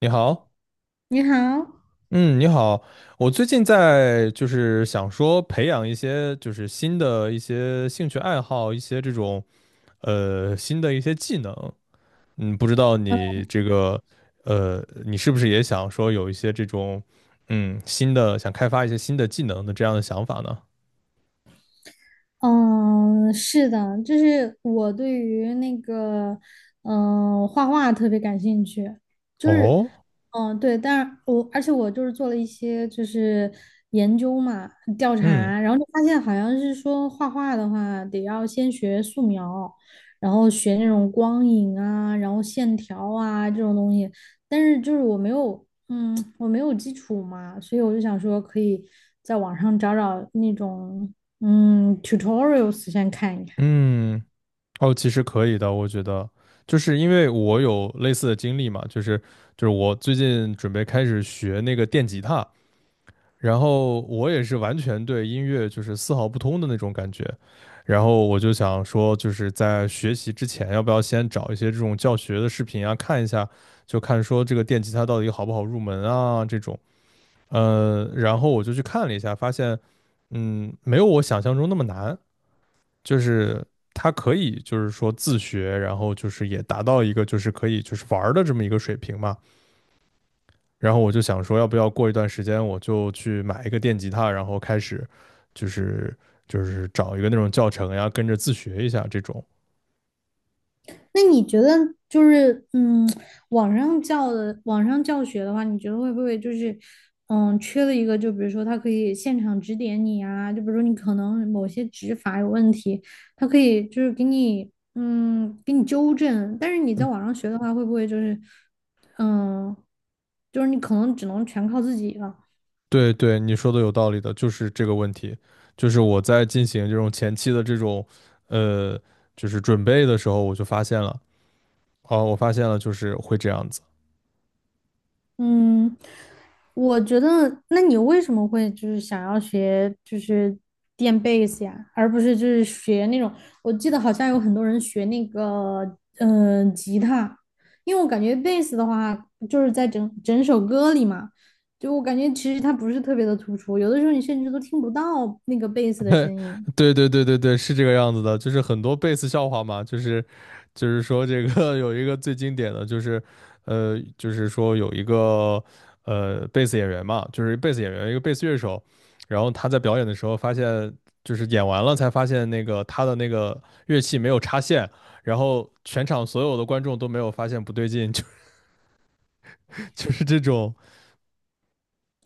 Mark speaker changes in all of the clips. Speaker 1: 你好。
Speaker 2: 你好，
Speaker 1: 嗯，你好。我最近在想说培养一些新的一些兴趣爱好，一些这种新的一些技能。不知道你这个你是不是也想说有一些这种新的想开发一些新的技能的这样的想法呢？
Speaker 2: 嗯，是的，就是我对于那个，画画特别感兴趣，就是，
Speaker 1: 哦，
Speaker 2: 对，但是我而且我就是做了一些就是研究嘛，调
Speaker 1: 嗯
Speaker 2: 查，然后就发现好像是说画画的话得要先学素描，然后学那种光影啊，然后线条啊这种东西，但是就是我没有。嗯，我没有基础嘛，所以我就想说可以在网上找找那种tutorials 先看一看。
Speaker 1: 嗯，哦，其实可以的，我觉得。就是因为我有类似的经历嘛。就是我最近准备开始学那个电吉他，然后我也是完全对音乐丝毫不通的那种感觉。然后我就想说，在学习之前，要不要先找一些这种教学的视频啊，看一下，就看说这个电吉他到底好不好入门啊这种。然后我就去看了一下，发现，没有我想象中那么难。就是它可以说自学，然后也达到一个可以玩儿的这么一个水平嘛。然后我就想说，要不要过一段时间我就去买一个电吉他，然后开始就是找一个那种教程呀，跟着自学一下这种。
Speaker 2: 那你觉得就是嗯，网上教学的话，你觉得会不会缺了一个？就比如说他可以现场指点你啊，就比如说你可能某些指法有问题，他可以就是给你给你纠正。但是你在
Speaker 1: 嗯，
Speaker 2: 网上学的话，会不会嗯就是你可能只能全靠自己了？
Speaker 1: 对对，你说的有道理的。就是这个问题，我在进行这种前期的这种呃准备的时候，我就发现了。哦，我发现了，就是会这样子。
Speaker 2: 嗯，我觉得，那你为什么会就是想要学就是电贝斯呀，而不是就是学那种？我记得好像有很多人学那个吉他，因为我感觉贝斯的话就是在整整首歌里嘛，就我感觉其实它不是特别的突出，有的时候你甚至都听不到那个贝斯的 声音。
Speaker 1: 对对对对对，是这个样子的，就是很多贝斯笑话嘛。就是说这个 有一个最经典的就是，就是说有一个贝斯演员嘛，就是贝斯演员一个贝斯乐手，然后他在表演的时候发现，就是演完了才发现那个他的那个乐器没有插线，然后全场所有的观众都没有发现不对劲。就是这种。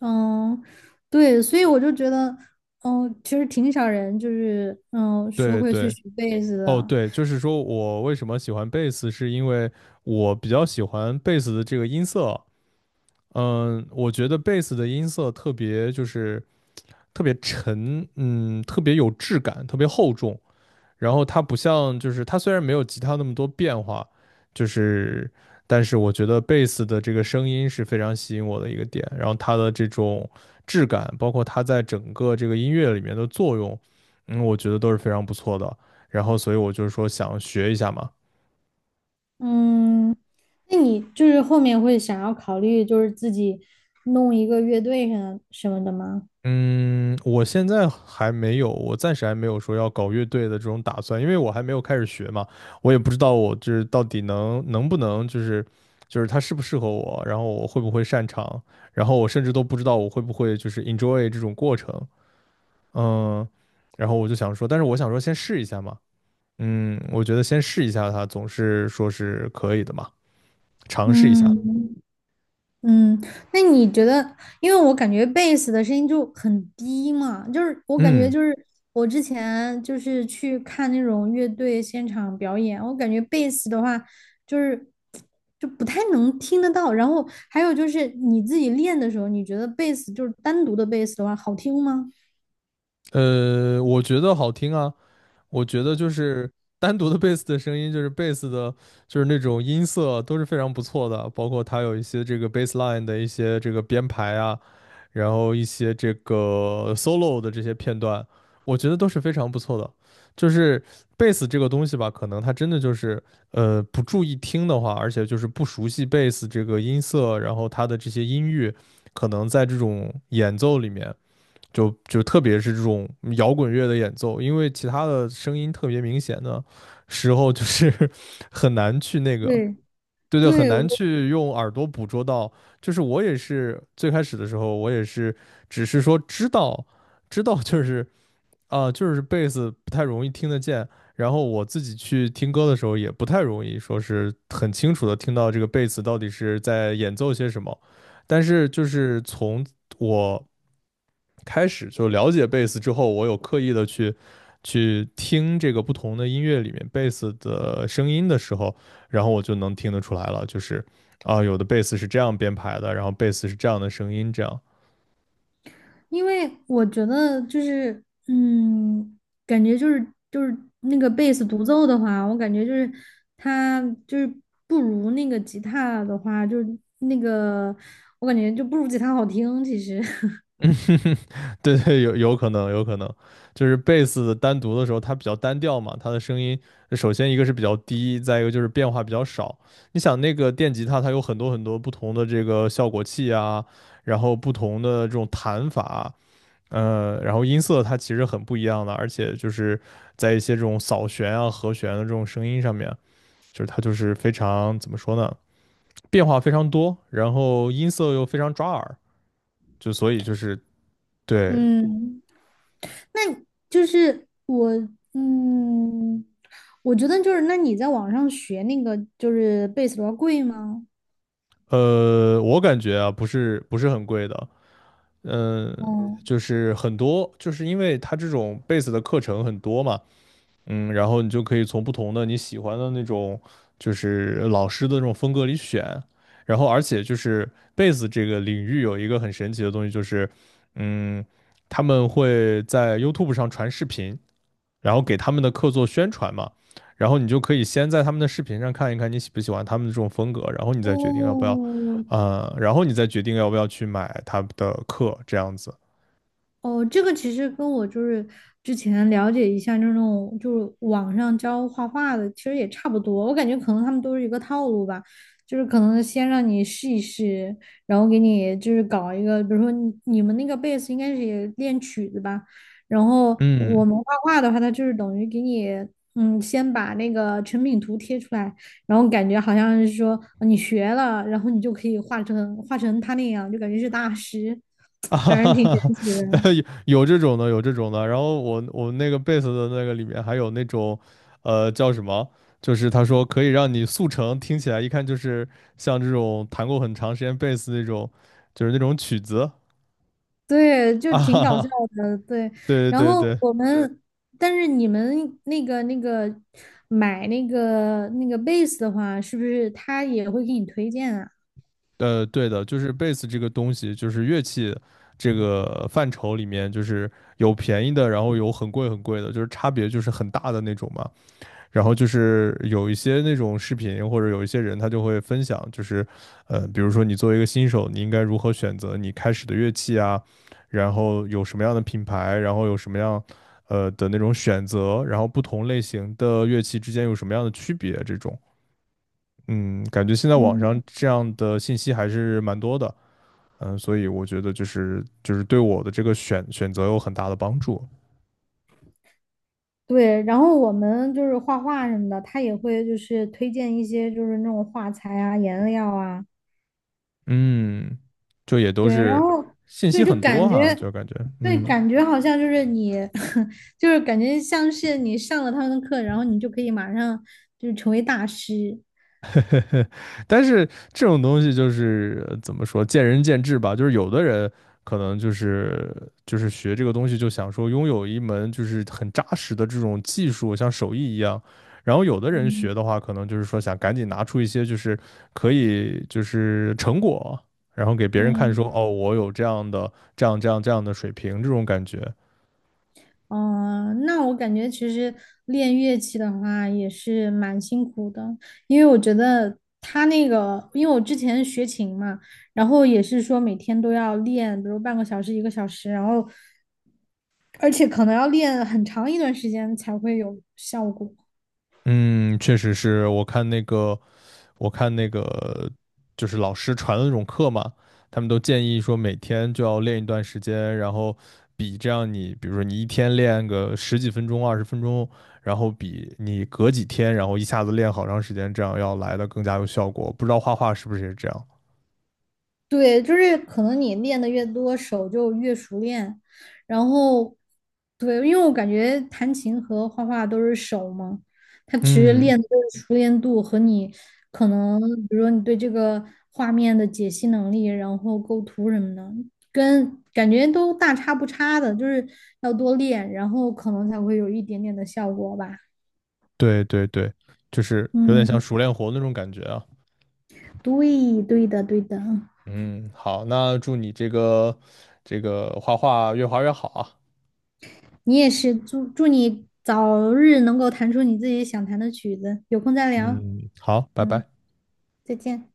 Speaker 2: 嗯，对，所以我就觉得，其实挺少人说
Speaker 1: 对
Speaker 2: 会去
Speaker 1: 对。
Speaker 2: 学贝斯
Speaker 1: 哦，
Speaker 2: 的。
Speaker 1: 对，就是说我为什么喜欢贝斯，是因为我比较喜欢贝斯的这个音色。嗯，我觉得贝斯的音色特别特别沉，嗯，特别有质感，特别厚重。然后它不像它虽然没有吉他那么多变化，就是但是我觉得贝斯的这个声音是非常吸引我的一个点。然后它的这种质感，包括它在整个这个音乐里面的作用，嗯，我觉得都是非常不错的。然后所以我说想学一下嘛。
Speaker 2: 嗯，那你就是后面会想要考虑，就是自己弄一个乐队什么什么的吗？
Speaker 1: 嗯，我现在还没有，我暂时还没有说要搞乐队的这种打算，因为我还没有开始学嘛。我也不知道我到底能不能它适不适合我，然后我会不会擅长，然后我甚至都不知道我会不会enjoy 这种过程。嗯，然后我就想说，但是我想说先试一下嘛。嗯，我觉得先试一下它总是说是可以的嘛，尝试一下。
Speaker 2: 嗯。嗯，那你觉得，因为我感觉贝斯的声音就很低嘛，就是我感觉
Speaker 1: 嗯，
Speaker 2: 就是我之前就是去看那种乐队现场表演，我感觉贝斯的话就是就不太能听得到。然后还有就是你自己练的时候，你觉得贝斯就是单独的贝斯的话好听吗？
Speaker 1: 呃，我觉得好听啊。我觉得单独的贝斯的声音，就是贝斯的，就是那种音色都是非常不错的，包括它有一些这个 bass line 的一些这个编排啊，然后一些这个 solo 的这些片段，我觉得都是非常不错的。就是贝斯这个东西吧，可能它真的不注意听的话，而且不熟悉贝斯这个音色，然后它的这些音域，可能在这种演奏里面。就特别是这种摇滚乐的演奏，因为其他的声音特别明显的时候，就是 很难去那个。
Speaker 2: 对
Speaker 1: 对对，很
Speaker 2: 对，
Speaker 1: 难
Speaker 2: 我。
Speaker 1: 去用耳朵捕捉到。就是我也是最开始的时候，我也是只是说知道，就是啊、就是贝斯不太容易听得见。然后我自己去听歌的时候，也不太容易说是很清楚的听到这个贝斯到底是在演奏些什么。但是从我开始就了解贝斯之后，我有刻意的去听这个不同的音乐里面贝斯的声音的时候，然后我就能听得出来了。就是啊，有的贝斯是这样编排的，然后贝斯是这样的声音，这样。
Speaker 2: 因为我觉得就是，嗯，感觉就是就是那个贝斯独奏的话，我感觉就是它就是不如那个吉他的话，我感觉就不如吉他好听。其实，
Speaker 1: 嗯，对对，有可能，有可能。就是贝斯单独的时候，它比较单调嘛。它的声音首先一个是比较低，再一个就是变化比较少。你想那个电吉他，它有很多很多不同的这个效果器啊，然后不同的这种弹法啊。呃，然后音色它其实很不一样的，而且在一些这种扫弦啊、和弦的这种声音上面，它就是非常怎么说呢，变化非常多，然后音色又非常抓耳。所以对。
Speaker 2: 嗯，那就是我，嗯，我觉得就是那你在网上学那个就是贝斯多贵吗？
Speaker 1: 呃，我感觉啊，不是很贵的。嗯、
Speaker 2: 哦
Speaker 1: 就是很多，就是因为它这种贝斯的课程很多嘛。嗯，然后你就可以从不同的你喜欢的那种，就是老师的这种风格里选。然后而且贝斯这个领域有一个很神奇的东西，就是嗯，他们会在 YouTube 上传视频，然后给他们的课做宣传嘛。然后你就可以先在他们的视频上看一看你喜不喜欢他们的这种风格，然后你再决定要不要，
Speaker 2: 哦，
Speaker 1: 然后你再决定要不要去买他们的课，这样子。
Speaker 2: 哦，这个其实跟我就是之前了解一下那种就是网上教画画的，其实也差不多。我感觉可能他们都是一个套路吧，就是可能先让你试一试，然后给你就是搞一个，比如说你们那个贝斯应该是也练曲子吧，然后
Speaker 1: 嗯。
Speaker 2: 我们画画的话，它就是等于给你先把那个成品图贴出来，然后感觉好像是说你学了，然后你就可以画成他那样，就感觉是大师，
Speaker 1: 啊 哈
Speaker 2: 反正
Speaker 1: 哈
Speaker 2: 挺
Speaker 1: 哈，
Speaker 2: 神奇 的。
Speaker 1: 有有这种的，有这种的。然后我那个贝斯的那个里面还有那种，呃，叫什么？就是他说可以让你速成，听起来一看就是像这种弹过很长时间贝斯那种，就是那种曲子。
Speaker 2: 对，就
Speaker 1: 啊
Speaker 2: 挺
Speaker 1: 哈
Speaker 2: 搞笑
Speaker 1: 哈。
Speaker 2: 的，对。
Speaker 1: 对
Speaker 2: 然
Speaker 1: 对
Speaker 2: 后
Speaker 1: 对。
Speaker 2: 我们，但是你们那个买那个 base 的话，是不是他也会给你推荐啊？
Speaker 1: 呃，对的，就是贝斯这个东西，就是乐器这个范畴里面，就是有便宜的，然后有很贵很贵的，就是差别很大的那种嘛。然后有一些那种视频或者有一些人他就会分享，就是呃，比如说你作为一个新手，你应该如何选择你开始的乐器啊，然后有什么样的品牌，然后有什么样的那种选择，然后不同类型的乐器之间有什么样的区别这种。嗯，感觉现在网上
Speaker 2: 嗯，
Speaker 1: 这样的信息还是蛮多的。嗯，所以我觉得对我的这个选择有很大的帮助。
Speaker 2: 对。然后我们就是画画什么的，他也会就是推荐一些就是那种画材啊、颜料啊，
Speaker 1: 嗯，就也都
Speaker 2: 对。然
Speaker 1: 是
Speaker 2: 后
Speaker 1: 信息
Speaker 2: 对，就
Speaker 1: 很多
Speaker 2: 感觉
Speaker 1: 哈、就感觉，
Speaker 2: 对，
Speaker 1: 嗯，
Speaker 2: 感觉好像就是你，就是感觉像是你上了他们的课，然后你就可以马上就是成为大师。
Speaker 1: 但是这种东西就是怎么说，见仁见智吧。就是有的人可能学这个东西，就想说拥有一门很扎实的这种技术，像手艺一样。然后有的人
Speaker 2: 嗯。
Speaker 1: 学的话，可能就是说想赶紧拿出一些可以成果，然后给别人看
Speaker 2: 嗯。
Speaker 1: 说，哦，我有这样的这样的水平这种感觉。
Speaker 2: 哦，那我感觉其实练乐器的话也是蛮辛苦的，因为我觉得他那个，因为我之前学琴嘛，然后也是说每天都要练，比如半个小时、一个小时，然后而且可能要练很长一段时间才会有效果。
Speaker 1: 嗯，确实是。我看那个，就是老师传的那种课嘛，他们都建议说每天就要练一段时间，然后这样你，比如说你一天练个十几分钟、20分钟，然后比你隔几天，然后一下子练好长时间，这样要来的更加有效果。不知道画画是不是也是这样？
Speaker 2: 对，就是可能你练的越多，手就越熟练。然后，对，因为我感觉弹琴和画画都是手嘛，它其实
Speaker 1: 嗯，
Speaker 2: 练的就是熟练度和你可能，比如说你对这个画面的解析能力，然后构图什么的，跟感觉都大差不差的，就是要多练，然后可能才会有一点点的效果吧。
Speaker 1: 对对对，就是有点像
Speaker 2: 嗯，
Speaker 1: 熟练活那种感觉啊。
Speaker 2: 对，对的，对的。
Speaker 1: 嗯，好，那祝你这个画画越画越好啊。
Speaker 2: 你也是，祝你早日能够弹出你自己想弹的曲子，有空再聊，
Speaker 1: 嗯，好，拜
Speaker 2: 嗯，
Speaker 1: 拜。
Speaker 2: 再见。